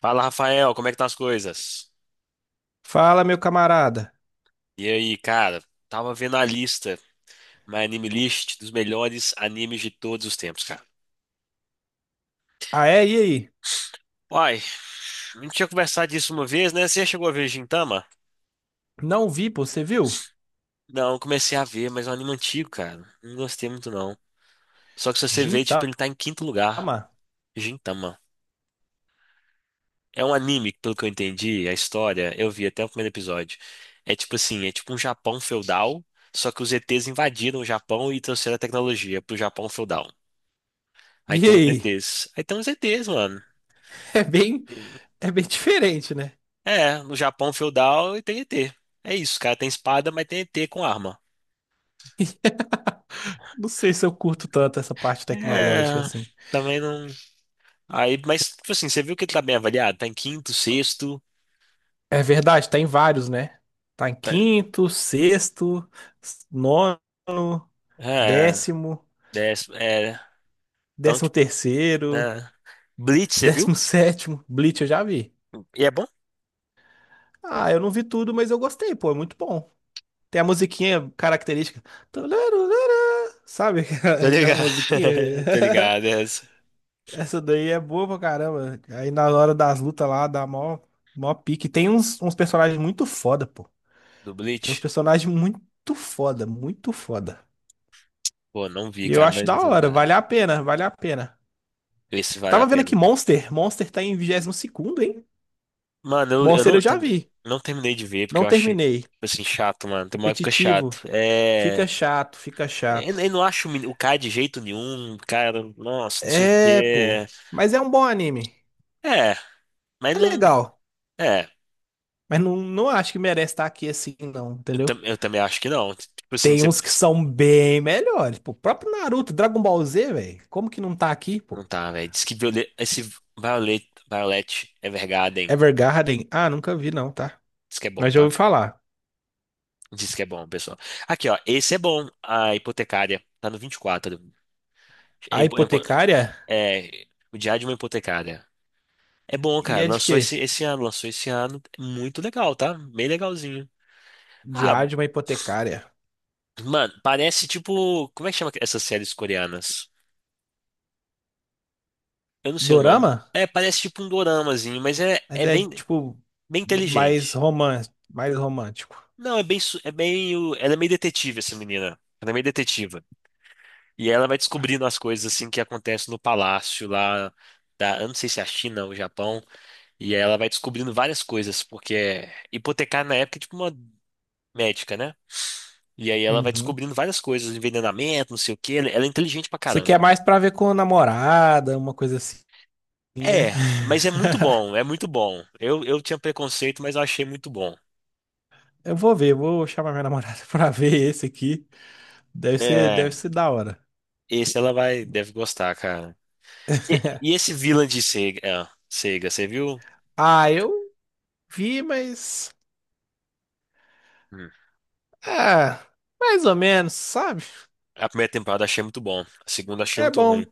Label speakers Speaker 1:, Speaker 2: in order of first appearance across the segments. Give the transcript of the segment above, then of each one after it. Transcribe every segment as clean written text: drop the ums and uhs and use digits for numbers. Speaker 1: Fala, Rafael, como é que tá as coisas?
Speaker 2: Fala, meu camarada.
Speaker 1: E aí, cara, tava vendo a lista, my anime list dos melhores animes de todos os tempos, cara.
Speaker 2: Ah, é? E aí?
Speaker 1: Uai, a gente tinha conversado disso uma vez, né? Você já chegou a ver Gintama?
Speaker 2: Não vi, pô, você viu?
Speaker 1: Não, eu comecei a ver, mas é um anime antigo, cara. Não gostei muito, não. Só que se você ver, tipo,
Speaker 2: Gintama.
Speaker 1: ele tá em quinto lugar. Gintama. É um anime que, pelo que eu entendi, a história, eu vi até o primeiro episódio. É tipo assim, é tipo um Japão feudal, só que os ETs invadiram o Japão e trouxeram a tecnologia pro Japão feudal.
Speaker 2: E
Speaker 1: Aí tem uns
Speaker 2: aí?
Speaker 1: ETs. Aí tem uns ETs, mano.
Speaker 2: É bem, é bem diferente, né?
Speaker 1: É, no Japão feudal e tem E T. É isso, cara. Tem espada, mas tem E T com arma.
Speaker 2: Não sei se eu curto tanto essa parte tecnológica
Speaker 1: É,
Speaker 2: assim.
Speaker 1: também não. Aí, mas, tipo assim, você viu que ele tá bem avaliado? Tá em quinto, sexto.
Speaker 2: É verdade, tá em vários, né? Tá em
Speaker 1: Tá...
Speaker 2: quinto, sexto, nono,
Speaker 1: É,
Speaker 2: décimo,
Speaker 1: décimo. É, então,
Speaker 2: décimo
Speaker 1: tipo.
Speaker 2: terceiro,
Speaker 1: É. Bleach, você viu?
Speaker 2: décimo sétimo. Bleach eu já vi.
Speaker 1: E é bom?
Speaker 2: Ah, eu não vi tudo, mas eu gostei, pô, é muito bom. Tem a musiquinha característica. Sabe aquela,
Speaker 1: Tô
Speaker 2: aquela
Speaker 1: ligado.
Speaker 2: musiquinha?
Speaker 1: Tô ligado, é essa.
Speaker 2: Essa daí é boa pra caramba. Aí na hora das lutas lá, dá mó, mó pique. Tem uns personagens muito foda, pô.
Speaker 1: Do
Speaker 2: Tem uns
Speaker 1: Bleach?
Speaker 2: personagens muito foda, muito foda.
Speaker 1: Pô, não vi,
Speaker 2: E eu
Speaker 1: cara,
Speaker 2: acho da
Speaker 1: mas tô
Speaker 2: hora,
Speaker 1: ligado.
Speaker 2: vale a pena, vale a pena.
Speaker 1: Esse
Speaker 2: Eu
Speaker 1: vale
Speaker 2: tava
Speaker 1: a
Speaker 2: vendo
Speaker 1: pena.
Speaker 2: aqui Monster. Monster tá em 22º, hein?
Speaker 1: Mano, eu
Speaker 2: Monster
Speaker 1: não
Speaker 2: eu já
Speaker 1: terminei,
Speaker 2: vi.
Speaker 1: não terminei de ver porque
Speaker 2: Não
Speaker 1: eu achei,
Speaker 2: terminei.
Speaker 1: tipo assim, chato, mano. Tem uma época
Speaker 2: Repetitivo.
Speaker 1: chato.
Speaker 2: Fica
Speaker 1: É.
Speaker 2: chato, fica
Speaker 1: Eu,
Speaker 2: chato.
Speaker 1: eu não acho o o cara de jeito nenhum, cara, nossa, não sei o
Speaker 2: É, pô.
Speaker 1: quê.
Speaker 2: Mas é um bom anime.
Speaker 1: É, mas
Speaker 2: É
Speaker 1: não.
Speaker 2: legal.
Speaker 1: É,
Speaker 2: Mas não, não acho que merece estar aqui assim, não,
Speaker 1: eu,
Speaker 2: entendeu?
Speaker 1: eu também acho que não. Tipo assim,
Speaker 2: Tem
Speaker 1: você.
Speaker 2: uns que são bem melhores. Pô, o próprio Naruto, Dragon Ball Z, velho. Como que não tá aqui, pô?
Speaker 1: Não tá, velho. Diz que Violet, esse Violet, Violet Evergarden.
Speaker 2: Evergarden. Ah, nunca vi, não, tá?
Speaker 1: Diz que é bom,
Speaker 2: Mas já
Speaker 1: tá?
Speaker 2: ouvi falar.
Speaker 1: Diz que é bom, pessoal. Aqui, ó. Esse é bom, a hipotecária. Tá no 24. É,
Speaker 2: A
Speaker 1: é,
Speaker 2: hipotecária?
Speaker 1: é, o Diário de uma Hipotecária. É bom,
Speaker 2: E
Speaker 1: cara.
Speaker 2: é de
Speaker 1: Lançou
Speaker 2: quê?
Speaker 1: esse, esse ano, lançou esse ano. É Muito legal, tá? Bem legalzinho. Ah,
Speaker 2: Diário de uma hipotecária.
Speaker 1: mano, parece tipo. Como é que chama essas séries coreanas? Eu não sei o nome.
Speaker 2: Dorama?
Speaker 1: É, parece tipo um doramazinho, mas é,
Speaker 2: Mas
Speaker 1: é
Speaker 2: é,
Speaker 1: bem,
Speaker 2: tipo,
Speaker 1: bem
Speaker 2: mais
Speaker 1: inteligente.
Speaker 2: romance, mais romântico.
Speaker 1: Não, é bem, é bem. Ela é meio detetive, essa menina. Ela é meio detetiva. E ela vai descobrindo as coisas assim que acontecem no palácio lá da. Eu não sei se é a China ou o Japão. E ela vai descobrindo várias coisas, porque é hipotecar na época é tipo uma médica, né? E aí ela vai
Speaker 2: Uhum.
Speaker 1: descobrindo várias coisas, envenenamento, não sei o quê. Ela é inteligente pra
Speaker 2: Isso aqui é
Speaker 1: caramba.
Speaker 2: mais pra ver com a namorada, uma coisa assim, né?
Speaker 1: É, mas é muito bom, é muito bom. Eu tinha preconceito, mas eu achei muito bom.
Speaker 2: Eu vou ver, vou chamar minha namorada pra ver esse aqui. Deve
Speaker 1: É,
Speaker 2: ser da hora.
Speaker 1: esse ela vai, deve gostar, cara. E esse vilã de Sega, é, Sega, você viu?
Speaker 2: Ah, eu vi, mas.
Speaker 1: Hum.
Speaker 2: Ah, mais ou menos, sabe?
Speaker 1: A primeira temporada achei muito bom, a segunda achei
Speaker 2: É
Speaker 1: muito ruim.
Speaker 2: bom.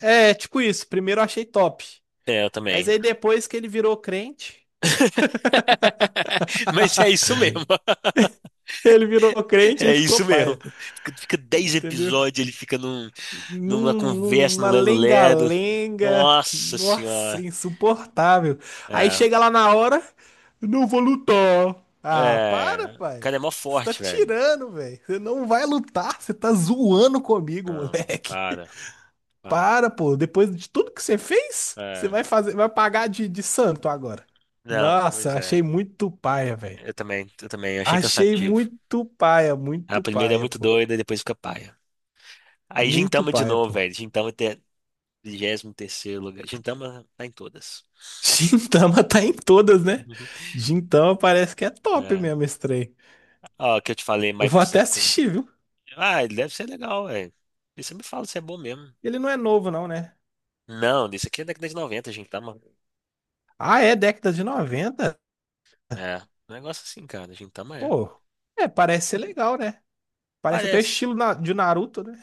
Speaker 2: É, tipo isso. Primeiro eu achei top.
Speaker 1: É, eu
Speaker 2: Mas
Speaker 1: também.
Speaker 2: aí depois que ele virou crente,
Speaker 1: Mas é isso mesmo.
Speaker 2: ele virou crente e
Speaker 1: É
Speaker 2: ficou
Speaker 1: isso mesmo.
Speaker 2: paia.
Speaker 1: Fica 10
Speaker 2: Entendeu?
Speaker 1: episódios, ele fica num, numa conversa no
Speaker 2: Numa
Speaker 1: Lero Lero.
Speaker 2: lenga-lenga,
Speaker 1: Nossa
Speaker 2: nossa,
Speaker 1: senhora.
Speaker 2: insuportável. Aí
Speaker 1: É,
Speaker 2: chega lá na hora, não vou lutar. Ah, para,
Speaker 1: é, o
Speaker 2: pai.
Speaker 1: cara é mó
Speaker 2: Você tá
Speaker 1: forte, velho.
Speaker 2: tirando, velho. Você não vai lutar, você tá zoando comigo,
Speaker 1: Não,
Speaker 2: moleque.
Speaker 1: para, para.
Speaker 2: Para, pô. Depois de tudo que você fez, você
Speaker 1: É,
Speaker 2: vai fazer, vai pagar de santo agora.
Speaker 1: não,
Speaker 2: Nossa,
Speaker 1: pois
Speaker 2: achei
Speaker 1: é.
Speaker 2: muito paia, velho.
Speaker 1: Eu também, eu também, eu achei
Speaker 2: Achei
Speaker 1: cansativo. A
Speaker 2: muito
Speaker 1: primeira é
Speaker 2: paia,
Speaker 1: muito
Speaker 2: pô.
Speaker 1: doida, depois fica paia. Aí
Speaker 2: Muito
Speaker 1: Gintama de
Speaker 2: paia,
Speaker 1: novo,
Speaker 2: pô.
Speaker 1: velho. Gintama até 23 terceiro lugar. Gintama tá em todas.
Speaker 2: Gintama tá em todas, né?
Speaker 1: Uhum.
Speaker 2: Gintama parece que é top
Speaker 1: É.
Speaker 2: mesmo esse trem.
Speaker 1: Ó, que eu te falei,
Speaker 2: Eu
Speaker 1: My
Speaker 2: vou até
Speaker 1: Psycho.
Speaker 2: assistir, viu?
Speaker 1: Ah, ele deve ser legal, velho. E você me fala se é bom mesmo.
Speaker 2: Ele não é novo, não, né?
Speaker 1: Não, isso aqui é década de 90, Gintama.
Speaker 2: Ah, é década de 90.
Speaker 1: É, um negócio assim, cara, Gintama é.
Speaker 2: Pô, é, parece ser legal, né? Parece até o
Speaker 1: Parece,
Speaker 2: estilo na- de Naruto, né?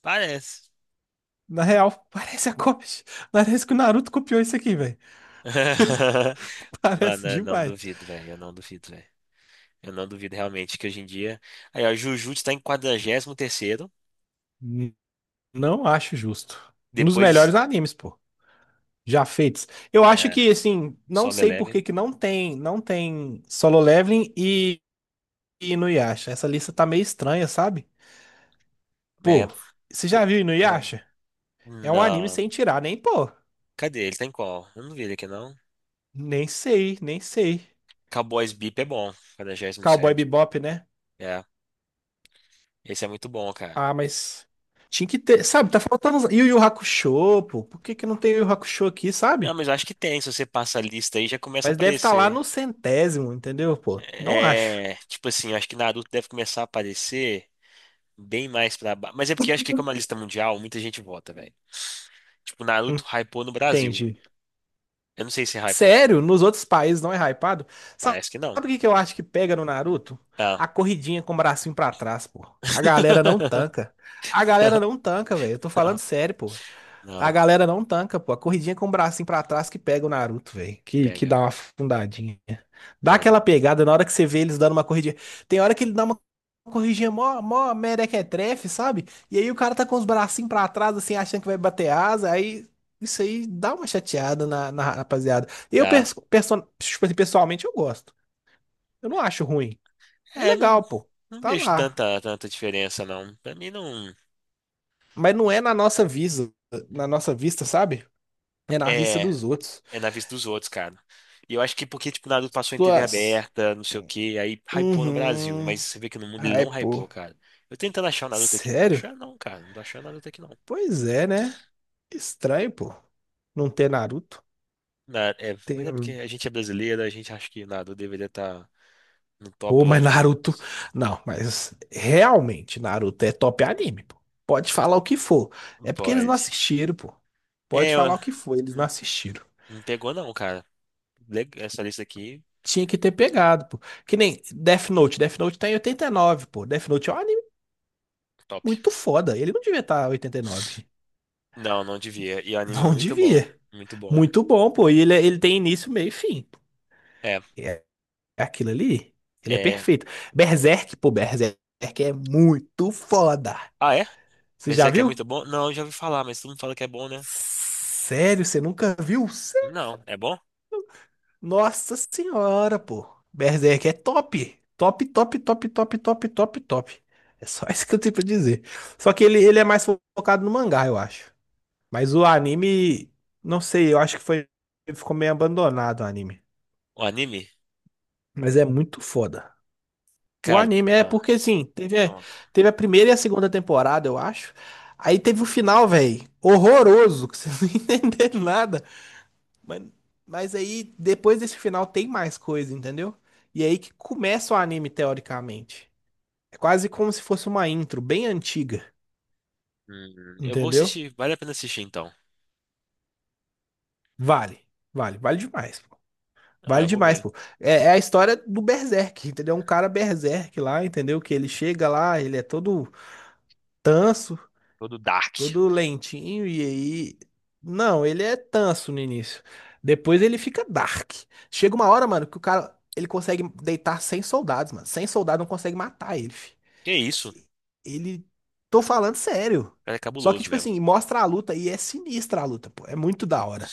Speaker 1: parece.
Speaker 2: Na real, parece a cópia. Parece que o Naruto copiou isso aqui, velho. Parece
Speaker 1: Mano, eu não
Speaker 2: demais.
Speaker 1: duvido, velho, eu não duvido, velho. Eu não duvido realmente que hoje em dia... Aí, ó, Jujutsu tá em 43º,
Speaker 2: N- Não acho justo. Um dos
Speaker 1: depois...
Speaker 2: melhores animes, pô. Já feitos. Eu acho
Speaker 1: É,
Speaker 2: que, assim, não
Speaker 1: Solo
Speaker 2: sei por que
Speaker 1: Eleven.
Speaker 2: que não tem, não tem Solo Leveling e Inuyasha. Essa lista tá meio estranha, sabe? Pô,
Speaker 1: É,
Speaker 2: você já viu
Speaker 1: ah,
Speaker 2: Inuyasha? É um anime
Speaker 1: não,
Speaker 2: sem tirar, nem pô.
Speaker 1: cadê? Ele tá em qual? Eu não vi ele aqui, não.
Speaker 2: Nem sei, nem sei.
Speaker 1: Cowboys Bebop é bom,
Speaker 2: Cowboy
Speaker 1: 47º.
Speaker 2: Bebop, né?
Speaker 1: É, esse é muito bom, cara.
Speaker 2: Ah, mas tinha que ter, sabe? Yu Yu Hakusho, pô. Por que que não tem Yu Yu Hakusho aqui,
Speaker 1: Não,
Speaker 2: sabe?
Speaker 1: mas eu acho que tem, se você passa a lista aí, já começa a
Speaker 2: Mas deve estar lá no
Speaker 1: aparecer.
Speaker 2: centésimo, entendeu, pô? Não acho.
Speaker 1: É, tipo assim, eu acho que Naruto deve começar a aparecer bem mais pra baixo. Mas é porque eu acho que como é uma lista mundial, muita gente vota, velho. Tipo, Naruto hypou no Brasil.
Speaker 2: Entendi.
Speaker 1: Eu não sei se hypou.
Speaker 2: Sério, nos outros países não é hypado. Sabe
Speaker 1: Parece que
Speaker 2: o
Speaker 1: não.
Speaker 2: que que eu acho que pega no Naruto?
Speaker 1: Ah.
Speaker 2: A corridinha com o bracinho pra trás, pô. A galera não tanca. A
Speaker 1: Não,
Speaker 2: galera não tanca, velho. Eu tô falando
Speaker 1: não,
Speaker 2: sério, pô. A
Speaker 1: não.
Speaker 2: galera não tanca, pô. A corridinha com o bracinho pra trás que pega o Naruto, velho. Que
Speaker 1: Pega,
Speaker 2: dá uma afundadinha. Dá
Speaker 1: pega.
Speaker 2: aquela pegada na hora que você vê eles dando uma corridinha. Tem hora que ele dá uma corridinha mó, mó merequetrefe, sabe? E aí o cara tá com os bracinhos pra trás, assim, achando que vai bater asa. Aí isso aí dá uma chateada na rapaziada. Eu,
Speaker 1: Dá.
Speaker 2: tipo assim, pessoalmente, eu gosto. Eu não acho ruim. É
Speaker 1: É, não,
Speaker 2: legal, pô.
Speaker 1: não
Speaker 2: Tá
Speaker 1: vejo
Speaker 2: lá.
Speaker 1: tanta, tanta diferença, não. Pra mim, não.
Speaker 2: Mas não é na nossa vista, sabe? É na vista
Speaker 1: É.
Speaker 2: dos outros.
Speaker 1: É na vista dos outros, cara. E eu acho que porque, tipo, Naruto passou em TV
Speaker 2: Tuas.
Speaker 1: aberta, não sei o quê, aí hypou no Brasil. Mas
Speaker 2: Uhum.
Speaker 1: você vê que no mundo ele
Speaker 2: Ai,
Speaker 1: não
Speaker 2: pô.
Speaker 1: hypou, cara. Eu tentando achar o Naruto aqui, não tô
Speaker 2: Sério?
Speaker 1: achando, não, cara. Não tô achando o Naruto aqui, não.
Speaker 2: Pois é, né? Estranho, pô. Não ter Naruto.
Speaker 1: É, mas é porque
Speaker 2: Tem...
Speaker 1: a gente é brasileiro, a gente acha que o Naruto deveria estar no top
Speaker 2: Pô,
Speaker 1: de
Speaker 2: mas Naruto.
Speaker 1: animes.
Speaker 2: Não, mas realmente, Naruto é top anime, pô. Pode falar o que for.
Speaker 1: Não
Speaker 2: É porque eles não
Speaker 1: pode.
Speaker 2: assistiram, pô. Pode
Speaker 1: É,
Speaker 2: falar o que for, eles não
Speaker 1: não,
Speaker 2: assistiram.
Speaker 1: não pegou, não, cara. Essa lista aqui,
Speaker 2: Tinha que ter pegado, pô. Que nem Death Note. Death Note tá em 89, pô. Death Note é um anime
Speaker 1: top.
Speaker 2: muito foda. Ele não devia estar tá 89.
Speaker 1: Não, não devia. E o anime
Speaker 2: Não
Speaker 1: muito bom.
Speaker 2: devia.
Speaker 1: Muito bom.
Speaker 2: Muito bom, pô. E ele, é, ele tem início, meio e fim.
Speaker 1: É,
Speaker 2: É aquilo ali, ele é
Speaker 1: é.
Speaker 2: perfeito. Berserk, pô, Berserk é muito foda.
Speaker 1: Ah, é?
Speaker 2: Você já
Speaker 1: Berserk é muito
Speaker 2: viu?
Speaker 1: bom? Não, eu já ouvi falar, mas todo mundo fala que é bom, né?
Speaker 2: Sério, você nunca viu?
Speaker 1: Não, é bom?
Speaker 2: Nossa senhora, pô. Berserk é top. Top, top, top, top, top, top, top. É só isso que eu tenho pra dizer. Só que ele é mais focado no mangá, eu acho. Mas o
Speaker 1: O
Speaker 2: anime, não sei, eu acho que foi, ficou meio abandonado o anime.
Speaker 1: anime?
Speaker 2: Mas é muito foda. O
Speaker 1: Cara,
Speaker 2: anime, é
Speaker 1: ah,
Speaker 2: porque assim, teve, é,
Speaker 1: ah,
Speaker 2: teve a primeira e a segunda temporada, eu acho. Aí teve o final, velho, horroroso, que você não entendeu nada. Mas, mas aí, depois desse final, tem mais coisa, entendeu? E é aí que começa o anime, teoricamente. É quase como se fosse uma intro bem antiga,
Speaker 1: eu vou
Speaker 2: entendeu?
Speaker 1: assistir, vale a pena assistir então.
Speaker 2: Vale, vale, vale demais, pô.
Speaker 1: Ah,
Speaker 2: Vale
Speaker 1: eu vou
Speaker 2: demais,
Speaker 1: ver.
Speaker 2: pô. É, é a história do Berserk, entendeu? Um cara Berserk lá, entendeu? Que ele chega lá, ele é todo tanso.
Speaker 1: Todo Dark.
Speaker 2: Todo lentinho e aí. Não, ele é tanso no início. Depois ele fica dark. Chega uma hora, mano, que o cara ele consegue deitar 100 soldados, mano. 100 soldados não consegue matar ele, fi.
Speaker 1: Que isso? O
Speaker 2: Ele. Tô falando sério.
Speaker 1: cara é
Speaker 2: Só que,
Speaker 1: cabuloso
Speaker 2: tipo
Speaker 1: mesmo.
Speaker 2: assim, mostra a luta e é sinistra a luta, pô. É muito da hora.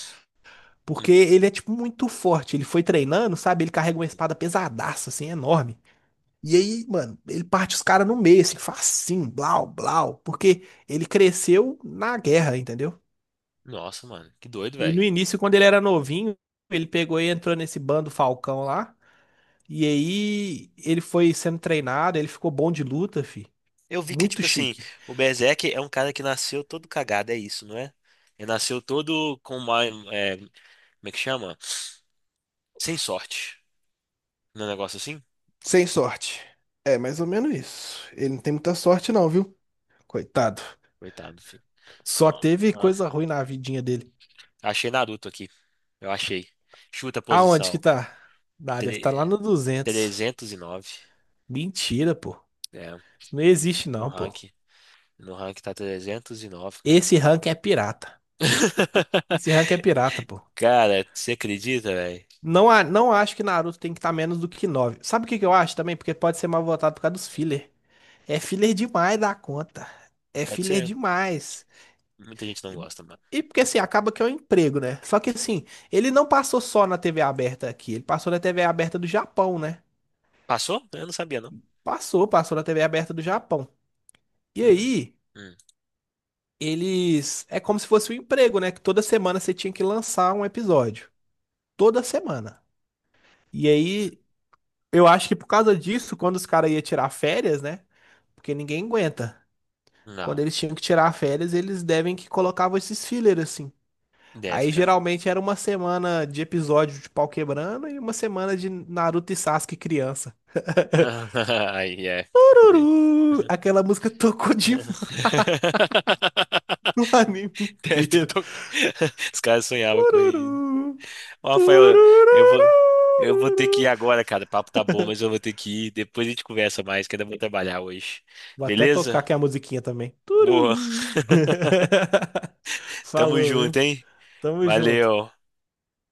Speaker 2: Porque
Speaker 1: Hum,
Speaker 2: ele é, tipo, muito forte. Ele foi treinando, sabe? Ele carrega uma
Speaker 1: hum.
Speaker 2: espada pesadaça, assim, enorme. E aí, mano, ele parte os caras no meio, assim, facinho, blau, blau. Porque ele cresceu na guerra, entendeu?
Speaker 1: Nossa, mano, que doido,
Speaker 2: E no
Speaker 1: velho.
Speaker 2: início, quando ele era novinho, ele pegou e entrou nesse bando Falcão lá. E aí ele foi sendo treinado, ele ficou bom de luta, fi.
Speaker 1: Eu vi que,
Speaker 2: Muito
Speaker 1: tipo assim,
Speaker 2: chique.
Speaker 1: o Berserk é um cara que nasceu todo cagado, é isso, não é? Ele nasceu todo com uma, é, como é que chama? Sem sorte. Não é um negócio assim?
Speaker 2: Sem sorte. É mais ou menos isso. Ele não tem muita sorte, não, viu? Coitado.
Speaker 1: Coitado, filho.
Speaker 2: Só
Speaker 1: Ó,
Speaker 2: teve
Speaker 1: ó.
Speaker 2: coisa ruim na vidinha dele.
Speaker 1: Achei Naruto aqui. Eu achei. Chuta a
Speaker 2: Aonde que
Speaker 1: posição.
Speaker 2: tá? Ah, deve estar lá no duzentos.
Speaker 1: 309.
Speaker 2: Mentira, pô.
Speaker 1: É,
Speaker 2: Isso não existe,
Speaker 1: no
Speaker 2: não, pô.
Speaker 1: ranking. No ranking tá 309, cara.
Speaker 2: Esse rank é pirata. Esse rank é pirata, pô.
Speaker 1: Cara, você acredita, velho?
Speaker 2: Não, não acho que Naruto tem que estar menos do que nove. Sabe o que que eu acho também? Porque pode ser mal votado por causa dos filler. É filler demais da conta. É
Speaker 1: Pode
Speaker 2: filler
Speaker 1: ser.
Speaker 2: demais.
Speaker 1: Muita gente não
Speaker 2: E
Speaker 1: gosta, mano.
Speaker 2: e porque assim, acaba que é um emprego, né? Só que assim, ele não passou só na TV aberta aqui, ele passou na TV aberta do Japão, né?
Speaker 1: Passou? Eu não sabia, não.
Speaker 2: Passou, passou na TV aberta do Japão. E
Speaker 1: Hum,
Speaker 2: aí,
Speaker 1: hum.
Speaker 2: eles. É como se fosse um emprego, né? Que toda semana você tinha que lançar um episódio. Toda semana. E aí, eu acho que por causa disso, quando os caras iam tirar férias, né? Porque ninguém aguenta.
Speaker 1: Não.
Speaker 2: Quando eles tinham que tirar férias, eles devem que colocavam esses filler assim.
Speaker 1: Deve,
Speaker 2: Aí
Speaker 1: cara.
Speaker 2: geralmente era uma semana de episódio de pau quebrando e uma semana de Naruto e Sasuke criança.
Speaker 1: Aí é. Deve.
Speaker 2: Tururu! Aquela música tocou de no anime
Speaker 1: Deve ter
Speaker 2: inteiro.
Speaker 1: tocado. Os caras sonhavam com isso.
Speaker 2: Tururu!
Speaker 1: Ó, Rafael, eu vou, eu vou ter que
Speaker 2: Turururururu.
Speaker 1: ir agora, cara. O papo tá bom, mas eu vou ter que ir. Depois a gente conversa mais, que ainda vou trabalhar hoje.
Speaker 2: Vou até tocar
Speaker 1: Beleza?
Speaker 2: aqui a musiquinha também.
Speaker 1: Boa.
Speaker 2: Tururu!
Speaker 1: Tamo
Speaker 2: Falou,
Speaker 1: junto,
Speaker 2: viu?
Speaker 1: hein?
Speaker 2: Tamo junto.
Speaker 1: Valeu.